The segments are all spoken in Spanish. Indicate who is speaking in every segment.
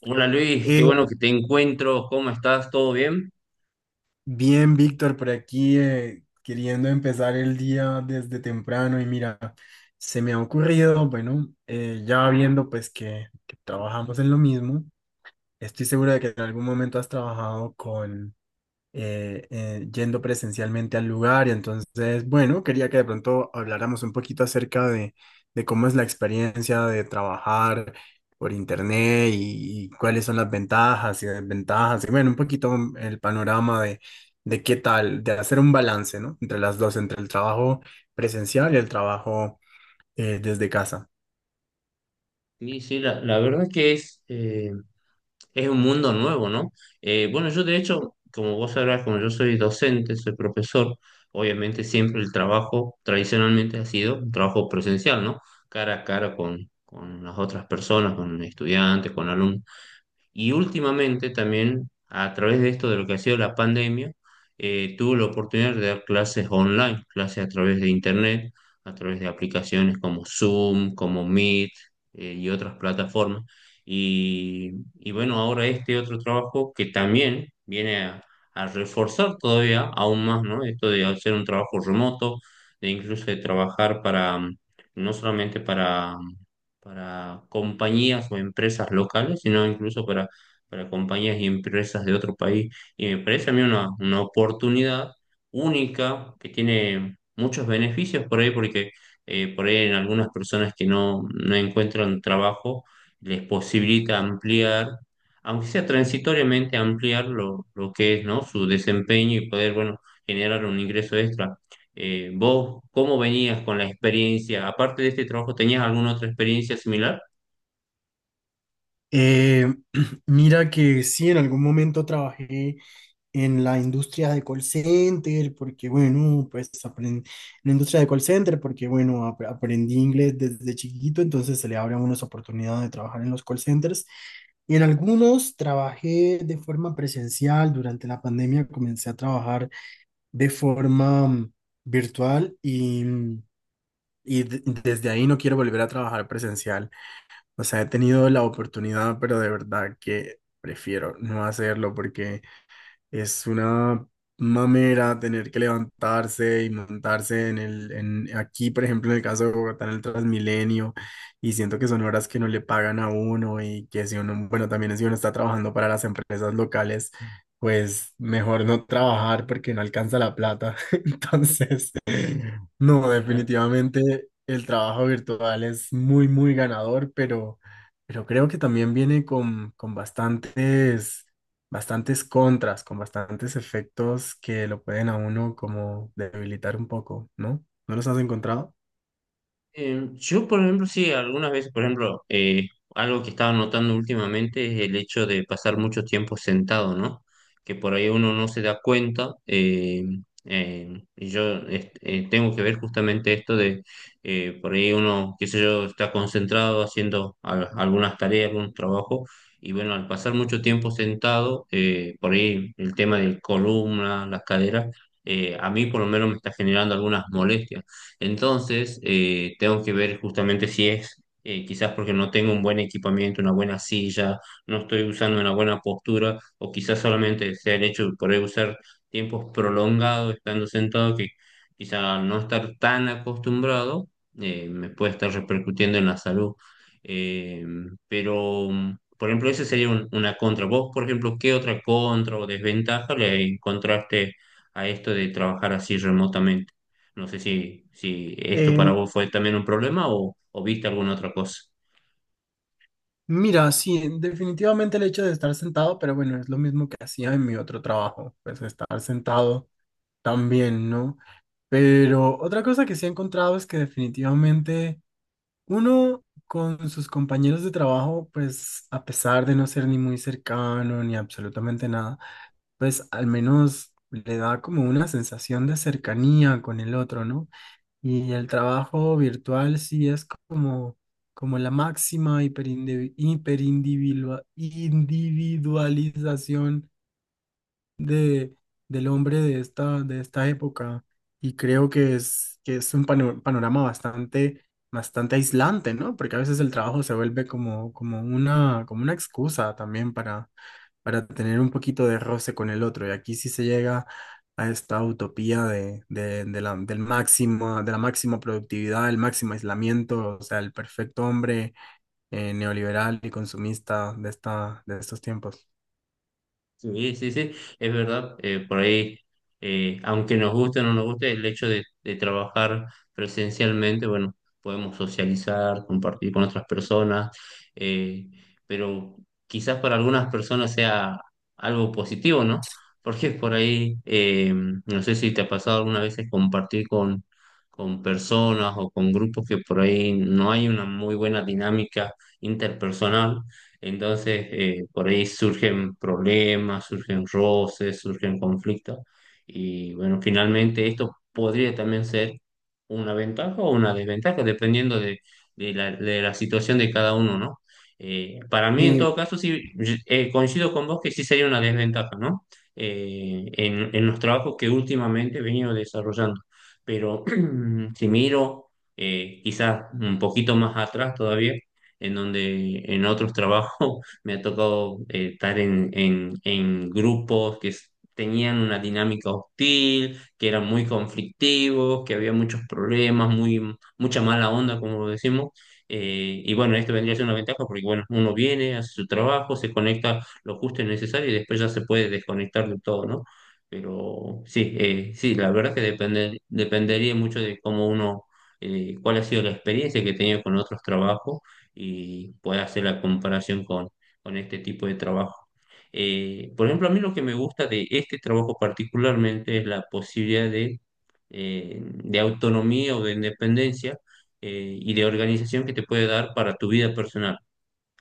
Speaker 1: Hola Luis, qué bueno
Speaker 2: Eh,
Speaker 1: que te encuentro, ¿cómo estás? ¿Todo bien?
Speaker 2: Bien, Víctor, por aquí queriendo empezar el día desde temprano y mira, se me ha ocurrido, bueno, ya viendo pues que trabajamos en lo mismo, estoy seguro de que en algún momento has trabajado con, yendo presencialmente al lugar. Y entonces, bueno, quería que de pronto habláramos un poquito acerca de cómo es la experiencia de trabajar por internet y cuáles son las ventajas y desventajas. Y bueno, un poquito el panorama de qué tal, de hacer un balance, ¿no? Entre las dos, entre el trabajo presencial y el trabajo desde casa.
Speaker 1: Sí, sí, la verdad es que es es un mundo nuevo, ¿no? Bueno, yo de hecho, como vos sabrás, como yo soy docente, soy profesor, obviamente siempre el trabajo tradicionalmente ha sido un trabajo presencial, ¿no? Cara a cara con las otras personas, con estudiantes, con alumnos. Y últimamente también, a través de esto de lo que ha sido la pandemia, tuve la oportunidad de dar clases online, clases a través de internet, a través de aplicaciones como Zoom, como Meet, y otras plataformas. Y, y bueno, ahora este otro trabajo que también viene a reforzar todavía aún más, ¿no? Esto de hacer un trabajo remoto, de incluso de trabajar para, no solamente para compañías o empresas locales, sino incluso para compañías y empresas de otro país. Y me parece a mí una oportunidad única que tiene muchos beneficios por ahí, porque por ahí en algunas personas que no encuentran trabajo les posibilita ampliar, aunque sea transitoriamente, ampliar lo que es, ¿no? Su desempeño y poder, bueno, generar un ingreso extra. ¿Vos cómo venías con la experiencia? Aparte de este trabajo, ¿tenías alguna otra experiencia similar?
Speaker 2: Eh, Mira que sí, en algún momento trabajé en la industria de call center, porque bueno, pues aprendí en la industria de call center, porque bueno, aprendí inglés desde chiquito, entonces se le abren unas oportunidades de trabajar en los call centers. Y en algunos trabajé de forma presencial. Durante la pandemia comencé a trabajar de forma virtual y y desde ahí no quiero volver a trabajar presencial. O sea, he tenido la oportunidad, pero de verdad que prefiero no hacerlo porque es una mamera tener que levantarse y montarse en aquí, por ejemplo, en el caso de Bogotá, en el Transmilenio, y siento que son horas que no le pagan a uno y que si uno, bueno, también si uno está trabajando para las empresas locales, pues mejor no trabajar porque no alcanza la plata. Entonces, no, definitivamente el trabajo virtual es muy ganador, pero creo que también viene con bastantes bastantes contras, con bastantes efectos que lo pueden a uno como debilitar un poco, ¿no? ¿No los has encontrado?
Speaker 1: Yo, por ejemplo, sí, algunas veces, por ejemplo, algo que estaba notando últimamente es el hecho de pasar mucho tiempo sentado, ¿no? Que por ahí uno no se da cuenta. Y yo este, tengo que ver justamente esto de, por ahí uno, qué sé yo, está concentrado haciendo algunas tareas, algunos trabajos, y bueno, al pasar mucho tiempo sentado, por ahí el tema de columna, las caderas, a mí por lo menos me está generando algunas molestias. Entonces, tengo que ver justamente si es, quizás porque no tengo un buen equipamiento, una buena silla, no estoy usando una buena postura, o quizás solamente sea el hecho de poder usar tiempos prolongados estando sentado, que quizás no estar tan acostumbrado, me puede estar repercutiendo en la salud. Eh, pero, por ejemplo, esa sería una contra. ¿Vos, por ejemplo, qué otra contra o desventaja le encontraste a esto de trabajar así remotamente? No sé si esto
Speaker 2: Eh,
Speaker 1: para vos fue también un problema o viste alguna otra cosa.
Speaker 2: Mira, sí, definitivamente el hecho de estar sentado, pero bueno, es lo mismo que hacía en mi otro trabajo, pues estar sentado también, ¿no? Pero otra cosa que sí he encontrado es que definitivamente uno con sus compañeros de trabajo, pues a pesar de no ser ni muy cercano ni absolutamente nada, pues al menos le da como una sensación de cercanía con el otro, ¿no? Y el trabajo virtual sí es como, como la máxima individualización de, del hombre de esta época. Y creo que que es un panorama bastante, bastante aislante, ¿no? Porque a veces el trabajo se vuelve como, como una excusa también para tener un poquito de roce con el otro. Y aquí sí se llega a esta utopía de, del máximo, de la máxima productividad, el máximo aislamiento, o sea, el perfecto hombre neoliberal y consumista de esta, de estos tiempos.
Speaker 1: Sí, sí, sí, es verdad. Por ahí, aunque nos guste o no nos guste, el hecho de trabajar presencialmente, bueno, podemos socializar, compartir con otras personas, eh, pero quizás para algunas personas sea algo positivo, ¿no? Porque por ahí, no sé si te ha pasado alguna vez compartir con personas o con grupos que por ahí no hay una muy buena dinámica interpersonal. Entonces, por ahí surgen problemas, surgen roces, surgen conflictos. Y bueno, finalmente esto podría también ser una ventaja o una desventaja, dependiendo de, de la situación de cada uno, ¿no? Para mí, en todo
Speaker 2: Sí,
Speaker 1: caso, sí, coincido con vos que sí sería una desventaja, ¿no? En los trabajos que últimamente he venido desarrollando. Pero si miro quizás un poquito más atrás todavía, en donde en otros trabajos me ha tocado estar en grupos que tenían una dinámica hostil, que eran muy conflictivos, que había muchos problemas, mucha mala onda, como decimos. Y bueno, esto vendría a ser una ventaja porque bueno, uno viene, hace su trabajo, se conecta lo justo y necesario y después ya se puede desconectar de todo, ¿no? Pero sí, sí, la verdad que depende, dependería mucho de cómo uno, cuál ha sido la experiencia que he tenido con otros trabajos y pueda hacer la comparación con este tipo de trabajo. Por ejemplo, a mí lo que me gusta de este trabajo particularmente es la posibilidad de autonomía o de independencia, y de organización que te puede dar para tu vida personal.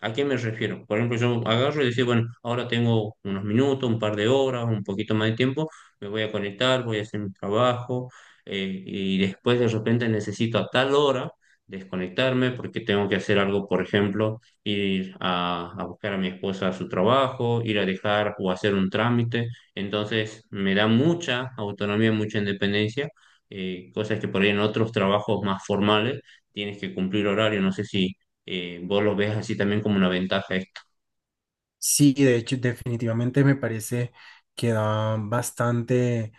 Speaker 1: ¿A qué me refiero? Por ejemplo, yo agarro y decir, bueno, ahora tengo unos minutos, un par de horas, un poquito más de tiempo, me voy a conectar, voy a hacer mi trabajo, y después de repente necesito a tal hora desconectarme porque tengo que hacer algo, por ejemplo, ir a buscar a mi esposa a su trabajo, ir a dejar o hacer un trámite. Entonces, me da mucha autonomía, mucha independencia, cosas que por ahí en otros trabajos más formales tienes que cumplir horario, no sé si vos lo ves así también como una ventaja esto.
Speaker 2: sí, de hecho, definitivamente me parece que da bastante,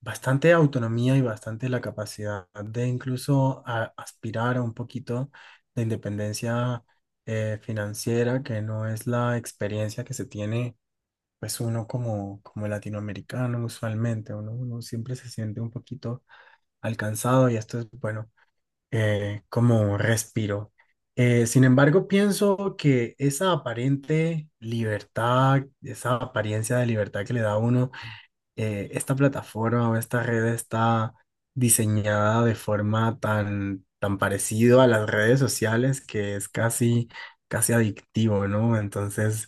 Speaker 2: bastante autonomía y bastante la capacidad de incluso aspirar a un poquito de independencia financiera, que no es la experiencia que se tiene, pues uno como, como latinoamericano usualmente, uno siempre se siente un poquito alcanzado y esto es, bueno, como un respiro. Sin embargo, pienso que esa aparente libertad, esa apariencia de libertad que le da a uno, esta plataforma o esta red está diseñada de forma tan parecido a las redes sociales que es casi, casi adictivo, ¿no? Entonces,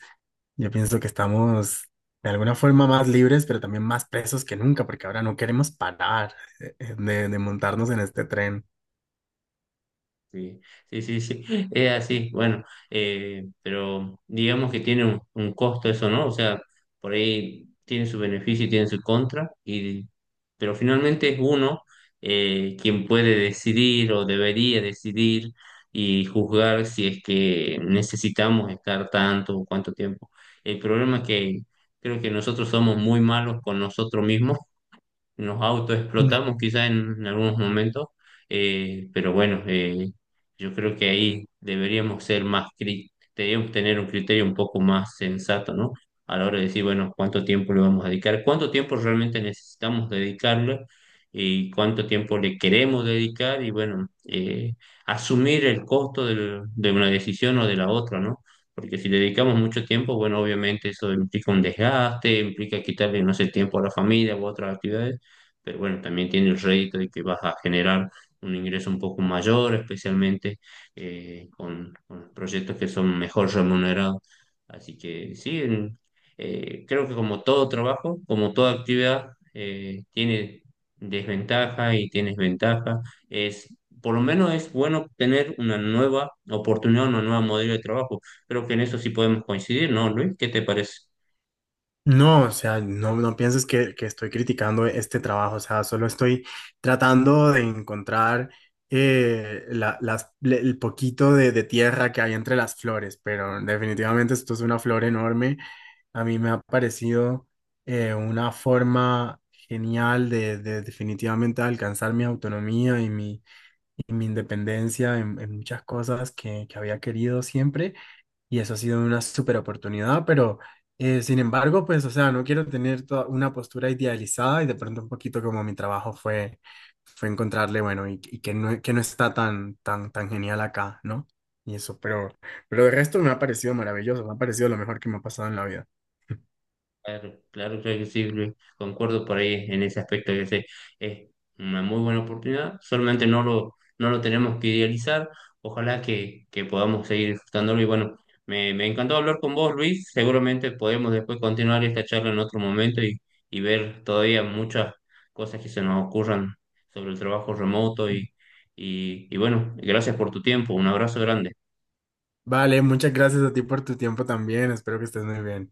Speaker 2: yo pienso que estamos de alguna forma más libres, pero también más presos que nunca, porque ahora no queremos parar de montarnos en este tren.
Speaker 1: Sí, sí, sí, sí, es así, bueno, pero digamos que tiene un costo eso, ¿no? O sea, por ahí tiene su beneficio y tiene su contra, y, pero finalmente es uno quien puede decidir o debería decidir y juzgar si es que necesitamos estar tanto o cuánto tiempo. El problema es que creo que nosotros somos muy malos con nosotros mismos, nos autoexplotamos quizás en algunos momentos, pero bueno, yo creo que ahí deberíamos ser más, deberíamos tener un criterio un poco más sensato, ¿no? A la hora de decir, bueno, cuánto tiempo le vamos a dedicar, cuánto tiempo realmente necesitamos dedicarle y cuánto tiempo le queremos dedicar y bueno, asumir el costo de una decisión o de la otra, ¿no? Porque si le dedicamos mucho tiempo, bueno, obviamente eso implica un desgaste, implica quitarle, no sé, tiempo a la familia u otras actividades, pero bueno, también tiene el rédito de que vas a generar un ingreso un poco mayor, especialmente con los proyectos que son mejor remunerados. Así que sí, creo que como todo trabajo, como toda actividad, tiene desventaja y tienes ventaja. Es, por lo menos es bueno tener una nueva oportunidad, una nueva modelo de trabajo. Creo que en eso sí podemos coincidir, ¿no, Luis? ¿Qué te parece?
Speaker 2: No, o sea, no pienses que estoy criticando este trabajo, o sea, solo estoy tratando de encontrar el poquito de tierra que hay entre las flores, pero definitivamente esto es una flor enorme. A mí me ha parecido una forma genial de definitivamente alcanzar mi autonomía y mi independencia en muchas cosas que había querido siempre y eso ha sido una súper oportunidad, pero sin embargo, pues, o sea, no quiero tener toda una postura idealizada y de pronto un poquito como mi trabajo fue encontrarle, bueno, y que no está tan, tan, tan genial acá, ¿no? Y eso, pero el resto me ha parecido maravilloso, me ha parecido lo mejor que me ha pasado en la vida.
Speaker 1: Claro, claro, claro que sí, Luis. Concuerdo por ahí en ese aspecto que sé, es una muy buena oportunidad, solamente no lo tenemos que idealizar, ojalá que podamos seguir disfrutándolo y bueno, me encantó hablar con vos, Luis, seguramente podemos después continuar esta charla en otro momento y ver todavía muchas cosas que se nos ocurran sobre el trabajo remoto y, bueno, gracias por tu tiempo, un abrazo grande.
Speaker 2: Vale, muchas gracias a ti por tu tiempo también, espero que estés muy bien.